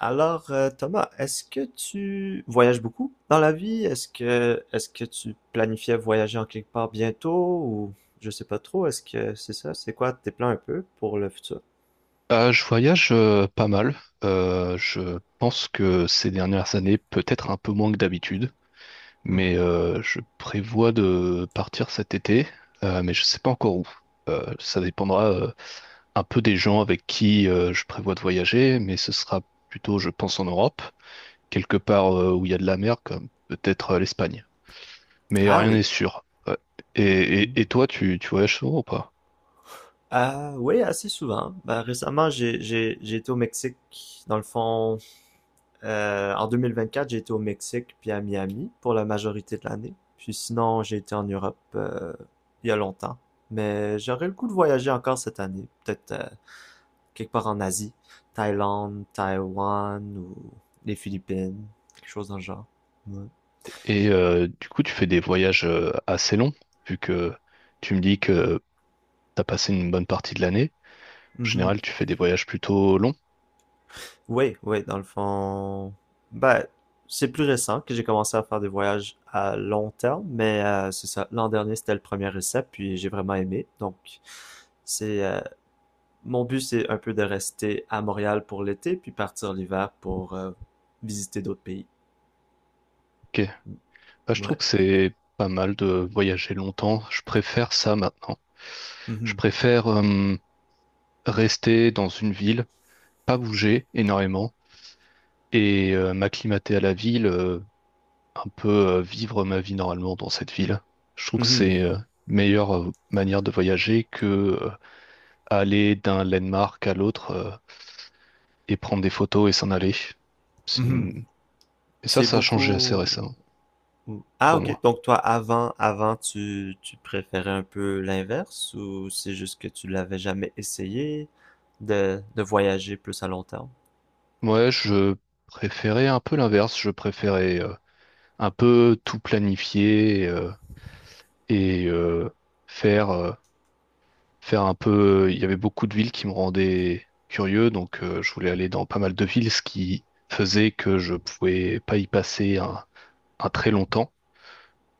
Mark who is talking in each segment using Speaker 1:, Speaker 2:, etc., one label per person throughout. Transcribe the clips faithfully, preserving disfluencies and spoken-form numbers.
Speaker 1: Alors, euh, Thomas, est-ce que tu voyages beaucoup dans la vie? Est-ce que est-ce que tu planifiais voyager en quelque part bientôt ou je sais pas trop, est-ce que c'est ça? C'est quoi tes plans un peu pour le futur?
Speaker 2: Euh, je voyage euh, pas mal. Euh, je pense que ces dernières années, peut-être un peu moins que d'habitude, mais euh, je prévois de partir cet été, euh, mais je sais pas encore où. Euh, ça dépendra euh, un peu des gens avec qui euh, je prévois de voyager, mais ce sera plutôt, je pense, en Europe, quelque part euh, où il y a de la mer, comme peut-être euh, l'Espagne mais
Speaker 1: Ah
Speaker 2: rien
Speaker 1: oui.
Speaker 2: n'est sûr. Ouais. Et, et, et toi, tu, tu voyages souvent ou pas?
Speaker 1: Ah oui, assez souvent. Ben, récemment, j'ai j'ai j'ai été au Mexique. Dans le fond, euh, en deux mille vingt-quatre, j'ai été au Mexique puis à Miami pour la majorité de l'année. Puis sinon, j'ai été en Europe euh, il y a longtemps. Mais j'aurais le goût de voyager encore cette année. Peut-être euh, quelque part en Asie, Thaïlande, Taïwan ou les Philippines, quelque chose dans le genre. Ouais.
Speaker 2: Et euh, du coup, tu fais des voyages euh, assez longs, vu que tu me dis que t'as passé une bonne partie de l'année. En
Speaker 1: Mhm.
Speaker 2: général, tu fais des voyages plutôt longs.
Speaker 1: Oui, oui, dans le fond. Ben, c'est plus récent que j'ai commencé à faire des voyages à long terme, mais euh, c'est ça. L'an dernier, c'était le premier essai, puis j'ai vraiment aimé. Donc, c'est euh, mon but, c'est un peu de rester à Montréal pour l'été, puis partir l'hiver pour euh, visiter d'autres pays. Mm.
Speaker 2: Bah, je trouve
Speaker 1: Ouais.
Speaker 2: que c'est pas mal de voyager longtemps. Je préfère ça maintenant. Je
Speaker 1: Mhm.
Speaker 2: préfère euh, rester dans une ville, pas bouger énormément et euh, m'acclimater à la ville, euh, un peu euh, vivre ma vie normalement dans cette ville. Je trouve que
Speaker 1: Mhm.
Speaker 2: c'est euh, une meilleure euh, manière de voyager que euh, aller d'un landmark à l'autre euh, et prendre des photos et s'en aller. C'est
Speaker 1: Mhm.
Speaker 2: une- Et ça,
Speaker 1: C'est
Speaker 2: ça a changé assez
Speaker 1: beaucoup.
Speaker 2: récemment
Speaker 1: Hmm. Ah,
Speaker 2: pour
Speaker 1: ok.
Speaker 2: moi.
Speaker 1: Donc toi, avant, avant, tu, tu préférais un peu l'inverse ou c'est juste que tu l'avais jamais essayé de, de voyager plus à long terme?
Speaker 2: Ouais, je préférais un peu l'inverse. Je préférais un peu tout planifier euh, et euh, faire, euh, faire un peu. Il y avait beaucoup de villes qui me rendaient curieux, donc euh, je voulais aller dans pas mal de villes, ce qui faisait que je pouvais pas y passer un, un très long temps.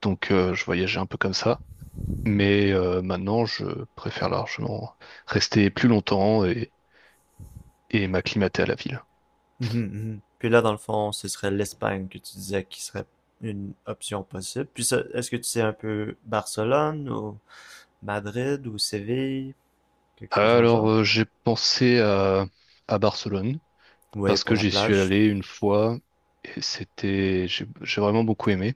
Speaker 2: Donc euh, je voyageais un peu comme ça. Mais euh, maintenant, je préfère largement rester plus longtemps et et m'acclimater à la ville.
Speaker 1: Mhm, mhm. Puis là, dans le fond, ce serait l'Espagne que tu disais qui serait une option possible. Puis ça, est-ce que tu sais un peu Barcelone ou Madrid ou Séville, quelque chose en genre?
Speaker 2: Alors, euh, j'ai pensé à, à Barcelone
Speaker 1: Ouais,
Speaker 2: parce
Speaker 1: pour
Speaker 2: que
Speaker 1: la
Speaker 2: j'y suis
Speaker 1: plage.
Speaker 2: allé une fois et c'était, j'ai j'ai vraiment beaucoup aimé.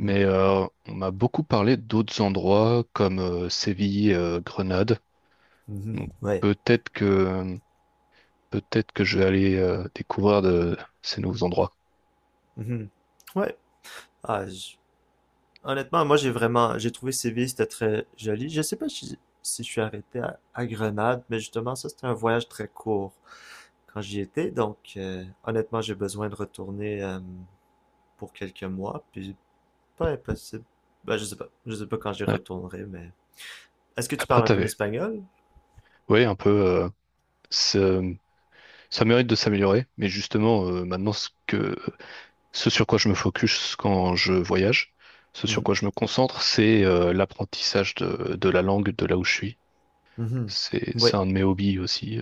Speaker 1: Hmm.
Speaker 2: euh, on m'a beaucoup parlé d'autres endroits comme euh, Séville, euh, Grenade.
Speaker 1: Mhm.
Speaker 2: Donc,
Speaker 1: Ouais.
Speaker 2: peut-être que peut-être que je vais aller euh, découvrir de ces nouveaux endroits.
Speaker 1: Mhm. Ouais. Ah, j- Honnêtement, moi j'ai vraiment, j'ai trouvé Séville, c'était très joli. Je sais pas si, si je suis arrêté à, à Grenade, mais justement ça c'était un voyage très court quand j'y étais, donc euh, honnêtement j'ai besoin de retourner euh, pour quelques mois, puis pas impossible. Ben, je sais pas, je sais pas quand j'y
Speaker 2: Ouais.
Speaker 1: retournerai, mais est-ce que tu parles
Speaker 2: Après,
Speaker 1: un peu
Speaker 2: t'avais.
Speaker 1: l'espagnol?
Speaker 2: Oui, un peu. euh, ce- ça mérite de s'améliorer, mais justement, euh, maintenant, ce que, ce sur quoi je me focus quand je voyage, ce sur
Speaker 1: Mhm,
Speaker 2: quoi je me concentre, c'est euh, l'apprentissage de, de la langue de là où je suis.
Speaker 1: mhm.
Speaker 2: C'est,
Speaker 1: Oui.
Speaker 2: c'est un de mes hobbies aussi.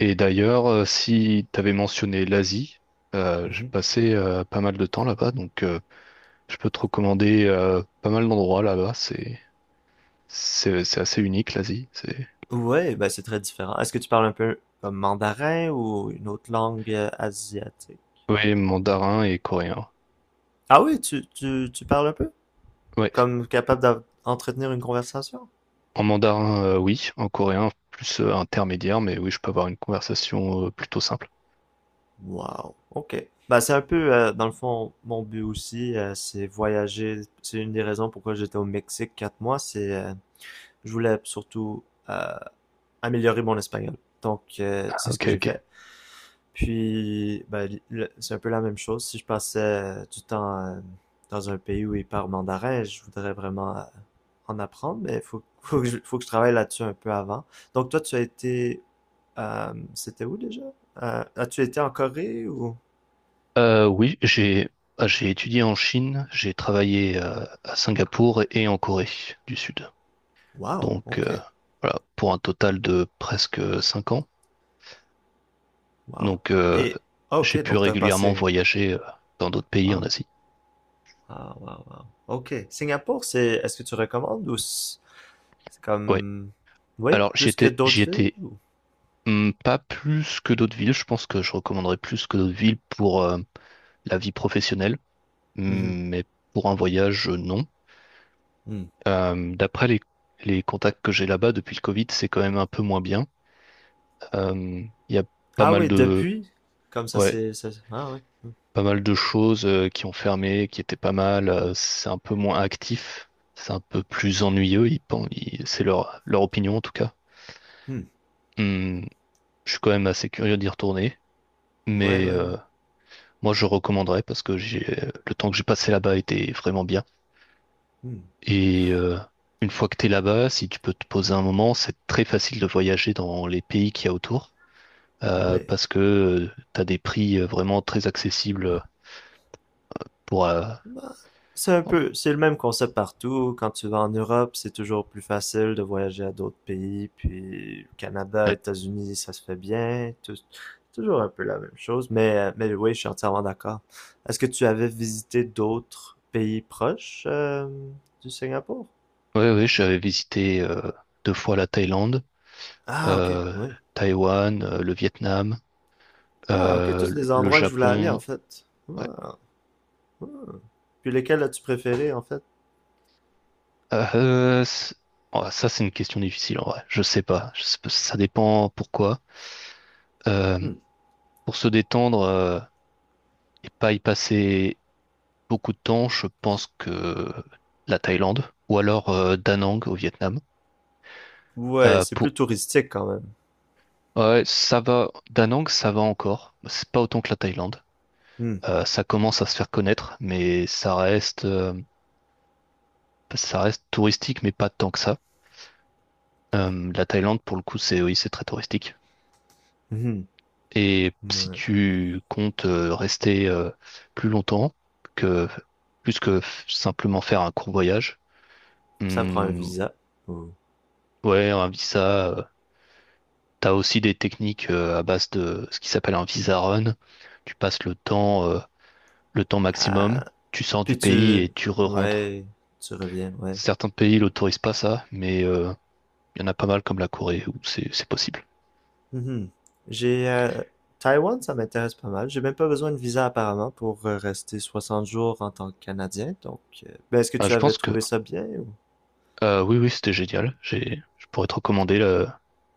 Speaker 2: Et d'ailleurs, euh, si t'avais mentionné l'Asie, euh, j'ai
Speaker 1: Mhm.
Speaker 2: passé euh, pas mal de temps là-bas, donc euh, je peux te recommander euh, pas mal d'endroits là-bas. C'est, C'est c'est assez unique, l'Asie. C'est
Speaker 1: Ouais, ben c'est très différent. Est-ce que tu parles un peu comme mandarin ou une autre langue euh, asiatique?
Speaker 2: oui, mandarin et coréen.
Speaker 1: Ah oui, tu, tu, tu parles un peu?
Speaker 2: Oui,
Speaker 1: Comme capable d'av- d'entretenir une conversation?
Speaker 2: en mandarin, euh, oui. En coréen, plus euh, intermédiaire, mais oui, je peux avoir une conversation euh, plutôt simple.
Speaker 1: Wow, ok. Bah, c'est un peu, euh, dans le fond, mon but aussi, euh, c'est voyager. C'est une des raisons pourquoi j'étais au Mexique quatre mois, c'est euh, je voulais surtout euh, améliorer mon espagnol. Donc, euh, c'est ce que
Speaker 2: Ok,
Speaker 1: j'ai
Speaker 2: ok.
Speaker 1: fait. Puis, ben, c'est un peu la même chose. Si je passais du temps euh, dans un pays où ils parlent mandarin, je voudrais vraiment euh, en apprendre, mais il faut, faut, que je- faut que je travaille là-dessus un peu avant. Donc, toi, tu as été... euh, c'était où déjà? Euh, as-tu été en Corée ou?
Speaker 2: Euh, oui, j'ai ah, j'ai étudié en Chine, j'ai travaillé euh, à Singapour et en Corée du Sud.
Speaker 1: Wow,
Speaker 2: Donc euh,
Speaker 1: ok,
Speaker 2: voilà, pour un total de presque cinq ans.
Speaker 1: wow.
Speaker 2: Donc euh,
Speaker 1: Et ah, ok,
Speaker 2: j'ai pu
Speaker 1: donc tu as
Speaker 2: régulièrement
Speaker 1: passé.
Speaker 2: voyager euh, dans d'autres pays en
Speaker 1: Wow.
Speaker 2: Asie.
Speaker 1: Ah, wow, wow. OK. Singapour, c'est, est-ce que tu recommandes ou c'est c'est
Speaker 2: Ouais.
Speaker 1: comme, oui,
Speaker 2: Alors j'y
Speaker 1: plus que
Speaker 2: étais, j'y
Speaker 1: d'autres villes
Speaker 2: étais
Speaker 1: ou?
Speaker 2: hum, pas plus que d'autres villes. Je pense que je recommanderais plus que d'autres villes pour euh, la vie professionnelle,
Speaker 1: Mhm,
Speaker 2: hum, mais pour un voyage, euh, non.
Speaker 1: hmm.
Speaker 2: Euh, d'après les, les contacts que j'ai là-bas depuis le Covid, c'est quand même un peu moins bien. Euh, Il y a pas
Speaker 1: Ah
Speaker 2: mal
Speaker 1: oui,
Speaker 2: de,
Speaker 1: depuis, comme ça,
Speaker 2: ouais,
Speaker 1: c'est, ça- ah oui. Hmm.
Speaker 2: pas mal de choses euh, qui ont fermé, qui étaient pas mal. Euh, c'est un peu moins actif, c'est un peu plus ennuyeux. Ils, pen- ils- c'est leur, leur opinion en tout cas.
Speaker 1: Hmm.
Speaker 2: Hum, je suis quand même assez curieux d'y retourner,
Speaker 1: Ouais,
Speaker 2: mais
Speaker 1: ouais, ouais.
Speaker 2: euh, moi, je recommanderais parce que j'ai le temps que j'ai passé là-bas était vraiment bien.
Speaker 1: Hmm.
Speaker 2: Et euh, une fois que tu es là-bas, si tu peux te poser un moment, c'est très facile de voyager dans les pays qu'il y a autour euh,
Speaker 1: Ouais.
Speaker 2: parce que tu as des prix euh, vraiment très accessibles pour... euh,
Speaker 1: Bah, C'est un peu, c'est le même concept partout. Quand tu vas en Europe, c'est toujours plus facile de voyager à d'autres pays. Puis Canada,
Speaker 2: Ouais,
Speaker 1: États-Unis, ça se fait bien. Tou- toujours un peu la même chose. Mais, euh, mais oui, je suis entièrement d'accord. Est-ce que tu avais visité d'autres pays proches euh, du Singapour?
Speaker 2: ouais, ouais, j'avais visité euh, deux fois la Thaïlande,
Speaker 1: Ah, ok,
Speaker 2: euh,
Speaker 1: oui.
Speaker 2: Taïwan, euh, le Vietnam,
Speaker 1: Ah, ok,
Speaker 2: euh,
Speaker 1: tous des
Speaker 2: le
Speaker 1: endroits que je voulais aller en
Speaker 2: Japon.
Speaker 1: fait.
Speaker 2: Ouais.
Speaker 1: Ah. Ah. Puis lesquels as-tu préféré en fait?
Speaker 2: Euh, c'est- oh, ça, c'est une question difficile en vrai. Je sais pas. Je sais pas, ça dépend pourquoi. Euh,
Speaker 1: Hmm.
Speaker 2: Pour se détendre euh, et pas y passer beaucoup de temps, je pense que la Thaïlande ou alors euh, Da Nang au Vietnam.
Speaker 1: Ouais,
Speaker 2: Euh,
Speaker 1: c'est plus
Speaker 2: pour...
Speaker 1: touristique quand même.
Speaker 2: Ouais, ça va. Da Nang, ça va encore. C'est pas autant que la Thaïlande.
Speaker 1: Hmm.
Speaker 2: Euh, ça commence à se faire connaître, mais ça reste, euh, ça reste touristique, mais pas tant que ça. Euh, la Thaïlande, pour le coup, c'est oui, c'est très touristique.
Speaker 1: Mhm.
Speaker 2: Et si
Speaker 1: Ouais.
Speaker 2: tu comptes euh, rester euh, plus longtemps que plus que simplement faire un court voyage,
Speaker 1: Ça prend un
Speaker 2: hum,
Speaker 1: visa. ou-
Speaker 2: ouais, un visa, euh, t'as aussi des techniques euh, à base de ce qui s'appelle un visa run. Tu passes le temps, euh, le temps maximum,
Speaker 1: Ah,
Speaker 2: tu sors du
Speaker 1: puis
Speaker 2: pays
Speaker 1: tu...
Speaker 2: et tu re-rentres.
Speaker 1: ouais, tu reviens, ouais.
Speaker 2: Certains pays l'autorisent pas ça, mais euh, il y en a pas mal comme la Corée où c'est c'est possible.
Speaker 1: Mhm. J'ai... euh, Taïwan, ça m'intéresse pas mal. J'ai même pas besoin de visa apparemment pour euh, rester 60 jours en tant que Canadien. Donc, euh, ben, est-ce que
Speaker 2: Ah,
Speaker 1: tu
Speaker 2: je
Speaker 1: avais
Speaker 2: pense que
Speaker 1: trouvé ça bien ou?
Speaker 2: euh, oui, oui, c'était génial. J'ai, je pourrais te recommander le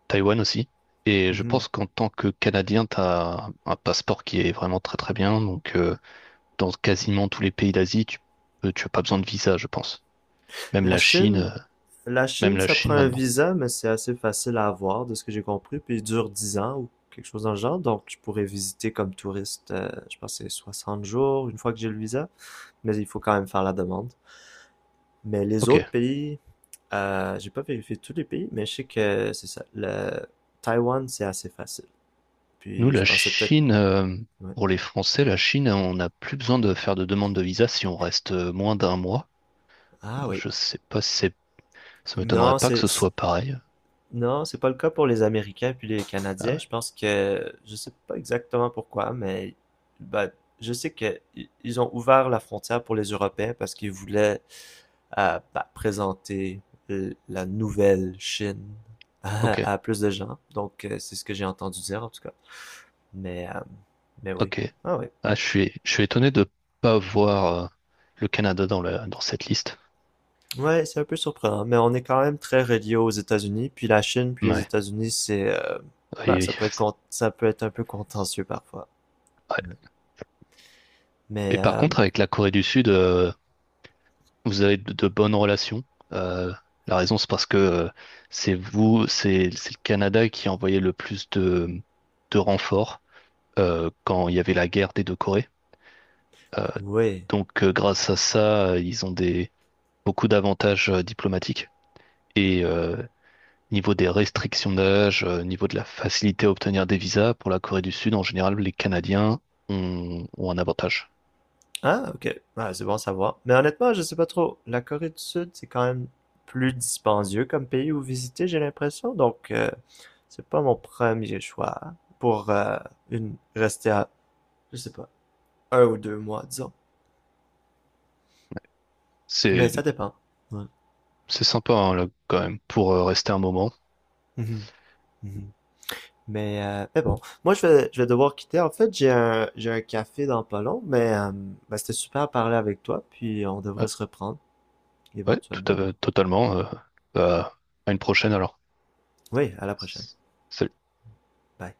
Speaker 2: Taïwan aussi. Et je
Speaker 1: Mhm.
Speaker 2: pense qu'en tant que Canadien, t'as un un passeport qui est vraiment très très bien. Donc euh, dans quasiment tous les pays d'Asie, tu, euh, tu as pas besoin de visa, je pense. Même
Speaker 1: La
Speaker 2: la Chine.
Speaker 1: Chine,
Speaker 2: euh,
Speaker 1: la
Speaker 2: Même
Speaker 1: Chine,
Speaker 2: la
Speaker 1: ça prend
Speaker 2: Chine
Speaker 1: un
Speaker 2: maintenant.
Speaker 1: visa, mais c'est assez facile à avoir, de ce que j'ai compris. Puis il dure 10 ans ou quelque chose dans le genre. Donc, je pourrais visiter comme touriste, euh, je pense, que c'est 60 jours une fois que j'ai le visa. Mais il faut quand même faire la demande. Mais les
Speaker 2: Ok.
Speaker 1: autres pays, euh, j'ai pas vérifié tous les pays, mais je sais que c'est ça. Le Taïwan, c'est assez facile.
Speaker 2: Nous,
Speaker 1: Puis je
Speaker 2: la
Speaker 1: pensais peut-être.
Speaker 2: Chine, euh,
Speaker 1: Ouais.
Speaker 2: pour les Français, la Chine, on n'a plus besoin de faire de demande de visa si on reste euh, moins d'un mois.
Speaker 1: Ah
Speaker 2: Donc
Speaker 1: oui.
Speaker 2: je sais pas si c'est... Ça m'étonnerait
Speaker 1: Non,
Speaker 2: pas que
Speaker 1: c'est.
Speaker 2: ce
Speaker 1: c'est-
Speaker 2: soit pareil.
Speaker 1: Non, c'est pas le cas pour les Américains puis les
Speaker 2: Ah
Speaker 1: Canadiens.
Speaker 2: ouais.
Speaker 1: Je pense que je sais pas exactement pourquoi, mais ben, je sais que i- ils ont ouvert la frontière pour les Européens parce qu'ils voulaient euh, ben, présenter euh, la nouvelle Chine
Speaker 2: Ok,
Speaker 1: à, à plus de gens. Donc euh, c'est ce que j'ai entendu dire en tout cas. Mais, euh, mais oui.
Speaker 2: ok.
Speaker 1: Ah oui.
Speaker 2: Ah, je suis, je suis étonné de pas voir euh, le Canada dans la, dans cette liste.
Speaker 1: Ouais, c'est un peu surprenant, mais on est quand même très relié aux États-Unis, puis la Chine, puis les
Speaker 2: Ouais,
Speaker 1: États-Unis, c'est, euh, bah,
Speaker 2: oui, oui.
Speaker 1: ça peut être con- ça peut être un peu contentieux parfois.
Speaker 2: Ouais.
Speaker 1: Ouais. Mais,
Speaker 2: Et par
Speaker 1: euh,
Speaker 2: contre, avec la Corée du Sud, euh, vous avez de, de bonnes relations. Euh, la raison, c'est parce que euh, c'est vous, c'est c'est le Canada qui a envoyé le plus de, de renforts euh, quand il y avait la guerre des deux Corées. Euh,
Speaker 1: oui.
Speaker 2: donc, euh, grâce à ça, euh, ils ont des beaucoup d'avantages euh, diplomatiques. Et euh, niveau des restrictions d'âge, euh, niveau de la facilité à obtenir des visas pour la Corée du Sud, en général, les Canadiens ont, ont un avantage.
Speaker 1: Ah, ok. Ah, c'est bon à savoir. Mais honnêtement, je sais pas trop. La Corée du Sud, c'est quand même plus dispendieux comme pays où visiter, j'ai l'impression. Donc, euh, c'est pas mon premier choix pour euh, une rester à, je sais pas, un ou deux mois, disons. Mais
Speaker 2: C'est
Speaker 1: ça dépend. Ouais.
Speaker 2: c'est sympa hein, là, quand même pour euh, rester un moment.
Speaker 1: Mhm. Mhm. Mais, euh, mais bon, moi je vais, je vais devoir quitter. En fait, j'ai un, j'ai un café dans pas long, mais euh, bah, c'était super à parler avec toi, puis on devrait
Speaker 2: Ouais,
Speaker 1: se reprendre
Speaker 2: ouais, tout
Speaker 1: éventuellement.
Speaker 2: à, totalement. euh, bah, à une prochaine alors.
Speaker 1: Oui, à la prochaine.
Speaker 2: Salut.
Speaker 1: Bye.